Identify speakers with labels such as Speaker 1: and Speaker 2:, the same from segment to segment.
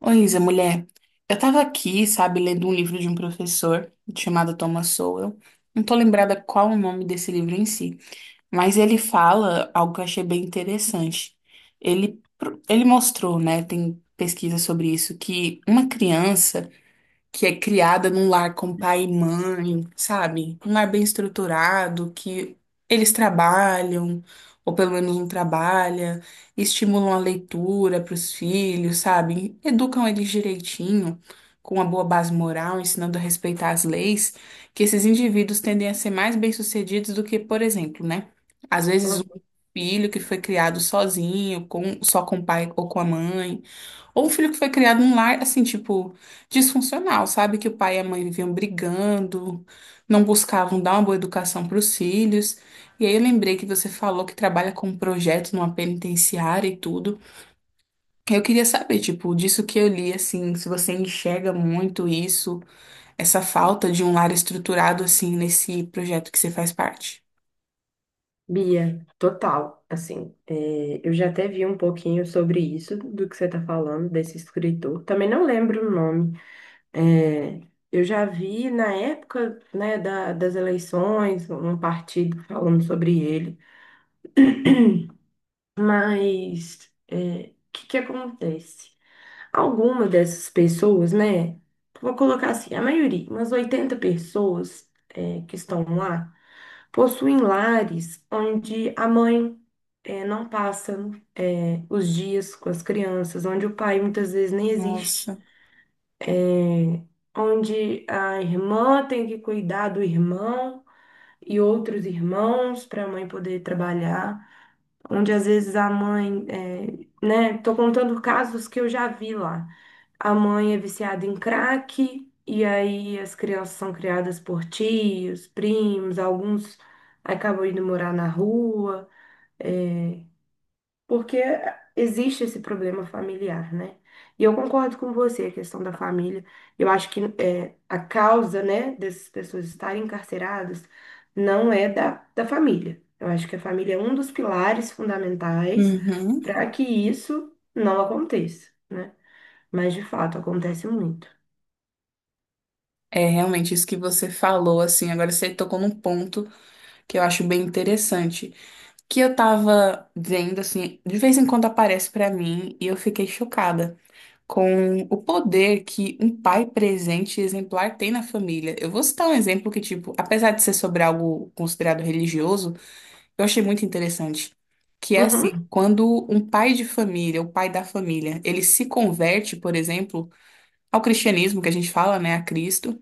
Speaker 1: Oi, Isa, mulher. Eu tava aqui, sabe, lendo um livro de um professor chamado Thomas Sowell. Não tô lembrada qual o nome desse livro em si, mas ele fala algo que eu achei bem interessante. Ele mostrou, né, tem pesquisa sobre isso, que uma criança que é criada num lar com pai e mãe, sabe? Um lar bem estruturado, que eles trabalham, ou pelo menos um trabalha, estimulam a leitura para os filhos, sabe? Educam eles direitinho, com uma boa base moral, ensinando a respeitar as leis, que esses indivíduos tendem a ser mais bem-sucedidos do que, por exemplo, né? Às vezes um
Speaker 2: Hum,
Speaker 1: filho que foi criado sozinho, só com o pai ou com a mãe. Ou um filho que foi criado num lar, assim, tipo, disfuncional, sabe? Que o pai e a mãe viviam brigando, não buscavam dar uma boa educação para os filhos. E aí eu lembrei que você falou que trabalha com um projeto numa penitenciária e tudo. Eu queria saber, tipo, disso que eu li, assim, se você enxerga muito isso, essa falta de um lar estruturado, assim, nesse projeto que você faz parte.
Speaker 2: Bia, total, assim, é, eu já até vi um pouquinho sobre isso, do que você está falando, desse escritor, também não lembro o nome. É, eu já vi na época, né, das eleições, um partido falando sobre ele. Mas é, o que que acontece? Algumas dessas pessoas, né? Vou colocar assim, a maioria, umas 80 pessoas, é, que estão lá, possuem lares onde a mãe, é, não passa, é, os dias com as crianças, onde o pai muitas vezes nem existe,
Speaker 1: Nossa.
Speaker 2: onde a irmã tem que cuidar do irmão e outros irmãos para a mãe poder trabalhar, onde às vezes a mãe, é, né? Tô contando casos que eu já vi lá. A mãe é viciada em crack, e aí as crianças são criadas por tios, primos, alguns acabam indo morar na rua. É, porque existe esse problema familiar, né? E eu concordo com você, a questão da família. Eu acho que, é, a causa, né, dessas pessoas estarem encarceradas não é da família. Eu acho que a família é um dos pilares fundamentais
Speaker 1: Uhum.
Speaker 2: para que isso não aconteça, né? Mas, de fato, acontece muito.
Speaker 1: É realmente isso que você falou, assim, agora você tocou num ponto que eu acho bem interessante. Que eu tava vendo, assim, de vez em quando aparece pra mim e eu fiquei chocada com o poder que um pai presente e exemplar tem na família. Eu vou citar um exemplo que, tipo, apesar de ser sobre algo considerado religioso, eu achei muito interessante. Que é
Speaker 2: Uhum,
Speaker 1: assim, quando um pai de família, o pai da família, ele se converte, por exemplo, ao cristianismo que a gente fala, né, a Cristo,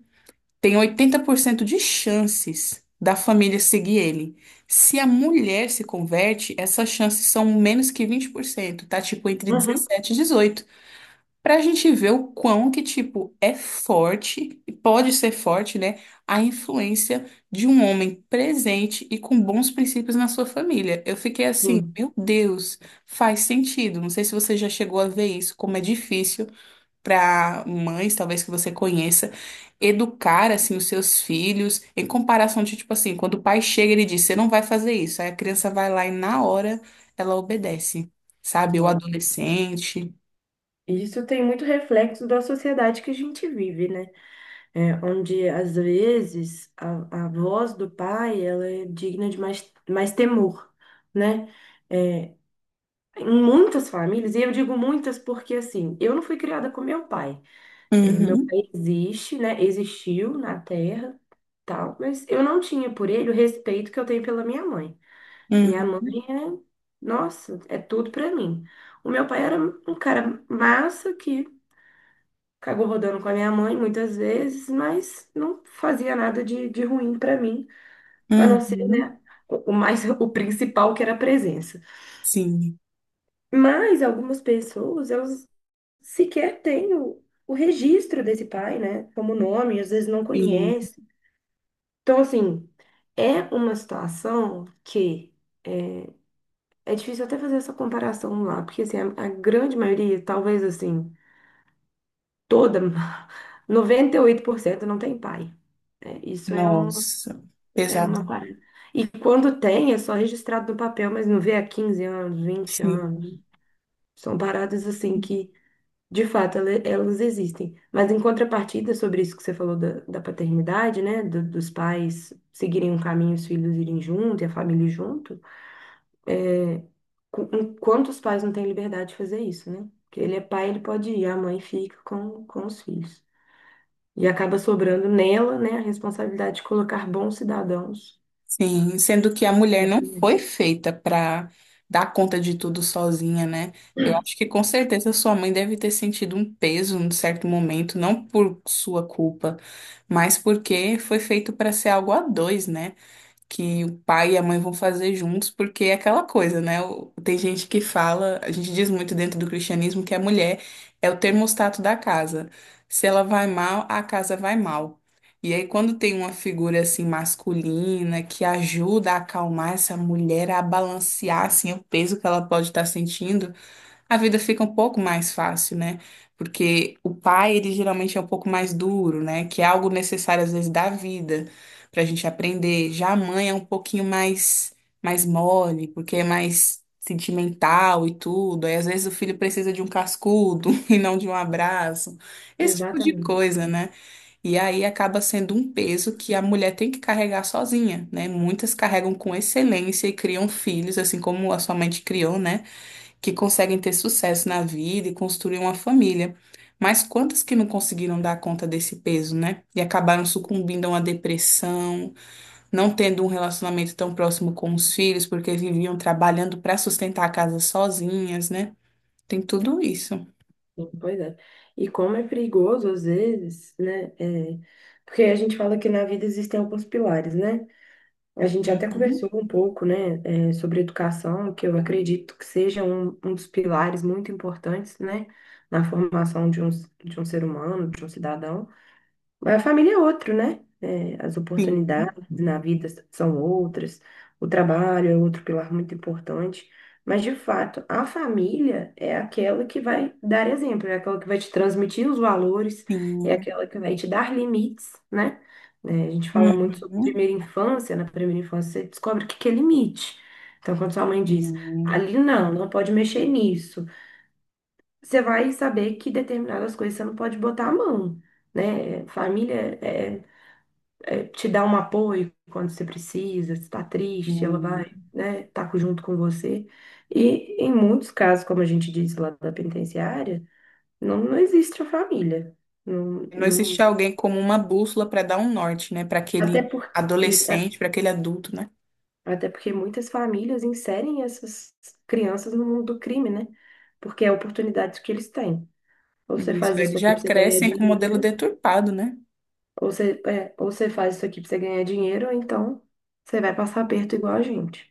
Speaker 1: tem 80% de chances da família seguir ele. Se a mulher se converte, essas chances são menos que 20%, tá? Tipo, entre
Speaker 2: uhum,
Speaker 1: 17 e 18. Pra gente ver o quão que, tipo, é forte, e pode ser forte, né? A influência de um homem presente e com bons princípios na sua família. Eu fiquei assim,
Speaker 2: sim.
Speaker 1: meu Deus, faz sentido. Não sei se você já chegou a ver isso, como é difícil para mães, talvez que você conheça, educar assim os seus filhos em comparação de tipo assim, quando o pai chega e ele diz, você não vai fazer isso. Aí a criança vai lá e na hora ela obedece, sabe? O
Speaker 2: Hum.
Speaker 1: adolescente.
Speaker 2: Isso tem muito reflexo da sociedade que a gente vive, né? É, onde às vezes a voz do pai ela é digna de mais, mais temor, né? É, em muitas famílias, e eu digo muitas porque assim, eu não fui criada com meu pai. É, meu
Speaker 1: Uhum,
Speaker 2: pai existe, né? Existiu na Terra, tal, mas eu não tinha por ele o respeito que eu tenho pela minha mãe. Minha
Speaker 1: uhum,
Speaker 2: mãe, é, nossa, é tudo pra mim. O meu pai era um cara massa que acabou rodando com a minha mãe muitas vezes, mas não fazia nada de, de ruim para mim, a não ser,
Speaker 1: uhum.
Speaker 2: né, o mais o principal, que era a presença.
Speaker 1: Sim,
Speaker 2: Mas algumas pessoas, elas sequer têm o registro desse pai, né, como nome, às vezes não
Speaker 1: sim.
Speaker 2: conhece. Então, assim, é uma situação que é difícil até fazer essa comparação lá, porque assim, a grande maioria, talvez assim, toda 98% não tem pai. Né? Isso é um...
Speaker 1: Nossa,
Speaker 2: É
Speaker 1: pesado.
Speaker 2: uma parada. E quando tem, é só registrado no papel, mas não vê há 15 anos, vinte
Speaker 1: Sim.
Speaker 2: anos. São paradas assim que, de fato, elas existem. Mas em contrapartida, sobre isso que você falou da paternidade, né? Dos pais seguirem um caminho, os filhos irem junto e a família ir junto. Enquanto os pais não têm liberdade de fazer isso, né? Porque ele é pai, ele pode ir, a mãe fica com os filhos. E acaba sobrando nela, né, a responsabilidade de colocar bons cidadãos
Speaker 1: Sim, sendo que a mulher
Speaker 2: na
Speaker 1: não
Speaker 2: família.
Speaker 1: foi feita para dar conta de tudo sozinha, né? Eu acho que com certeza sua mãe deve ter sentido um peso num certo momento, não por sua culpa, mas porque foi feito para ser algo a dois, né? Que o pai e a mãe vão fazer juntos, porque é aquela coisa, né? O- Tem gente que fala, a gente diz muito dentro do cristianismo que a mulher é o termostato da casa. Se ela vai mal, a casa vai mal. E aí, quando tem uma figura assim masculina que ajuda a acalmar essa mulher, a balancear assim o peso que ela pode estar sentindo, a vida fica um pouco mais fácil, né? Porque o pai, ele geralmente é um pouco mais duro, né? Que é algo necessário, às vezes, da vida, pra gente aprender. Já a mãe é um pouquinho mais mole, porque é mais sentimental e tudo. Aí, às vezes, o filho precisa de um cascudo e não de um abraço. Esse tipo de
Speaker 2: Exatamente.
Speaker 1: coisa, né? E aí acaba sendo um peso que a mulher tem que carregar sozinha, né? Muitas carregam com excelência e criam filhos, assim como a sua mãe te criou, né? Que conseguem ter sucesso na vida e construir uma família. Mas quantas que não conseguiram dar conta desse peso, né? E acabaram sucumbindo a uma depressão, não tendo um relacionamento tão próximo com os filhos, porque viviam trabalhando para sustentar a casa sozinhas, né? Tem tudo isso.
Speaker 2: Sim, pois é. E como é perigoso, às vezes, né? É, porque a gente fala que na vida existem alguns pilares, né? A gente até
Speaker 1: Uhum.
Speaker 2: conversou um pouco, né, é, sobre educação, que eu acredito que seja um dos pilares muito importantes, né, na formação de um ser humano, de um cidadão. Mas a família é outro, né? É, as
Speaker 1: Sim,
Speaker 2: oportunidades na vida são outras, o trabalho é outro pilar muito importante. Mas, de fato, a família é aquela que vai dar exemplo, é aquela que vai te transmitir os valores, é
Speaker 1: sim.
Speaker 2: aquela que vai te dar limites, né? É, a gente fala muito sobre
Speaker 1: Uhum.
Speaker 2: primeira infância, na primeira infância você descobre o que que é limite. Então, quando sua mãe diz,
Speaker 1: Sim,
Speaker 2: ali não, não pode mexer nisso, você vai saber que determinadas coisas você não pode botar a mão. Né? Família é, eh, te dar um apoio quando você precisa, se está triste, ela
Speaker 1: sim.
Speaker 2: vai, né, tá junto com você. E em muitos casos, como a gente diz lá da penitenciária, não, não existe a família. Não,
Speaker 1: Não existe
Speaker 2: não...
Speaker 1: alguém como uma bússola para dar um norte, né? Para
Speaker 2: até
Speaker 1: aquele
Speaker 2: por, e a-
Speaker 1: adolescente, para aquele adulto, né?
Speaker 2: até porque muitas famílias inserem essas crianças no mundo do crime, né? Porque é a oportunidade que eles têm. Ou você
Speaker 1: Isso,
Speaker 2: faz isso
Speaker 1: eles
Speaker 2: aqui
Speaker 1: já
Speaker 2: para você ganhar
Speaker 1: crescem com o modelo
Speaker 2: dinheiro,
Speaker 1: deturpado, né?
Speaker 2: ou você faz isso aqui para você ganhar dinheiro, ou então você vai passar aperto igual a gente.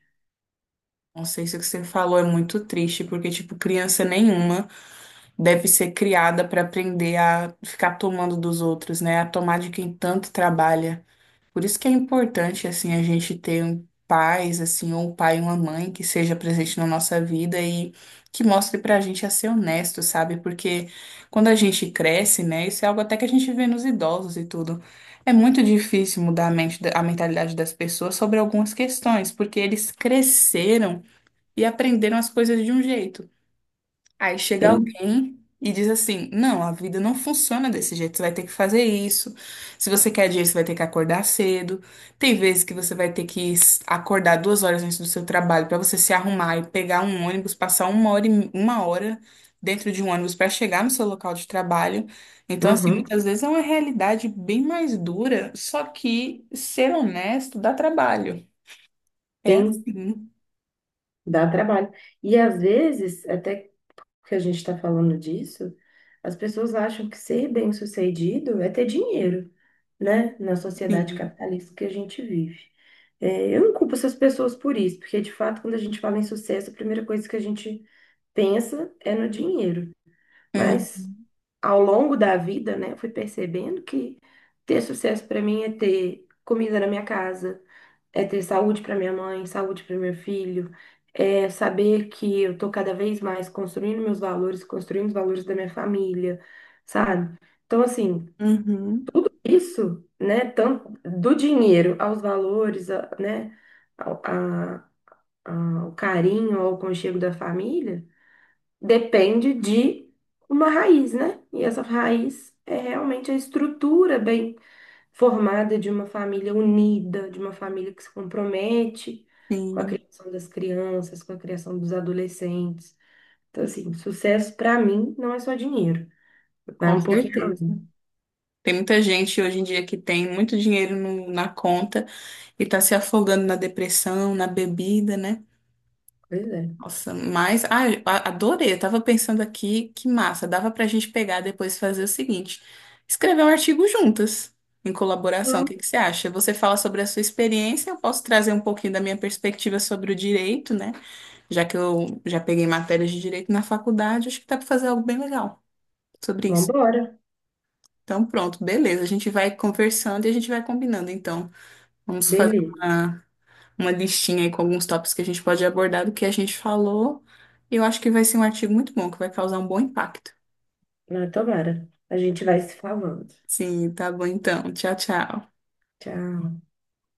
Speaker 1: Não sei se o que você falou é muito triste, porque, tipo, criança nenhuma deve ser criada para aprender a ficar tomando dos outros, né? A tomar de quem tanto trabalha. Por isso que é importante, assim, a gente ter um pais, assim, ou um pai e uma mãe que seja presente na nossa vida e que mostre pra gente a ser honesto, sabe? Porque quando a gente cresce, né, isso é algo até que a gente vê nos idosos e tudo. É muito difícil mudar a mente, a mentalidade das pessoas sobre algumas questões, porque eles cresceram e aprenderam as coisas de um jeito. Aí chega
Speaker 2: Tem.
Speaker 1: alguém e diz assim: não, a vida não funciona desse jeito, você vai ter que fazer isso. Se você quer dinheiro, você vai ter que acordar cedo. Tem vezes que você vai ter que acordar 2 horas antes do seu trabalho para você se arrumar e pegar um ônibus, passar uma hora, uma hora dentro de um ônibus para chegar no seu local de trabalho. Então, assim,
Speaker 2: Uhum.
Speaker 1: muitas vezes é uma realidade bem mais dura, só que ser honesto dá trabalho. É
Speaker 2: Sim,
Speaker 1: assim.
Speaker 2: dá trabalho. E às vezes, até que a gente está falando disso, as pessoas acham que ser bem-sucedido é ter dinheiro, né? Na sociedade
Speaker 1: Sim.
Speaker 2: capitalista que a gente vive. É, eu não culpo essas pessoas por isso, porque de fato, quando a gente fala em sucesso, a primeira coisa que a gente pensa é no dinheiro. Mas
Speaker 1: Uhum.
Speaker 2: ao longo da vida, né, eu fui percebendo que ter sucesso para mim é ter comida na minha casa, é ter saúde para minha mãe, saúde para meu filho, é saber que eu tô cada vez mais construindo meus valores, construindo os valores da minha família, sabe? Então, assim,
Speaker 1: Uhum.
Speaker 2: tudo isso, né, tanto do dinheiro aos valores, né, ao, o carinho, ao aconchego da família, depende de uma raiz, né? E essa raiz é realmente a estrutura bem formada de uma família unida, de uma família que se compromete com a
Speaker 1: Sim,
Speaker 2: criação das crianças, com a criação dos adolescentes. Então, assim, sucesso para mim não é só dinheiro, vai
Speaker 1: com
Speaker 2: um pouquinho
Speaker 1: certeza.
Speaker 2: além.
Speaker 1: Tem muita gente hoje em dia que tem muito dinheiro na conta e tá se afogando na depressão, na bebida, né?
Speaker 2: Pois é.
Speaker 1: Nossa, mas ah, eu adorei. Eu tava pensando aqui, que massa, dava pra gente pegar depois e fazer o seguinte: escrever um artigo juntas, em colaboração. O que
Speaker 2: Bom,
Speaker 1: que você acha? Você fala sobre a sua experiência, eu posso trazer um pouquinho da minha perspectiva sobre o direito, né? Já que eu já peguei matérias de direito na faculdade, acho que dá pra fazer algo bem legal sobre
Speaker 2: vamos
Speaker 1: isso.
Speaker 2: embora.
Speaker 1: Então, pronto, beleza. A gente vai conversando e a gente vai combinando. Então, vamos fazer
Speaker 2: Beleza.
Speaker 1: uma, uma listinha aí com alguns tópicos que a gente pode abordar do que a gente falou. Eu acho que vai ser um artigo muito bom, que vai causar um bom impacto.
Speaker 2: Não, tomara. A gente vai se falando.
Speaker 1: Sim, tá bom então. Tchau, tchau.
Speaker 2: Tchau.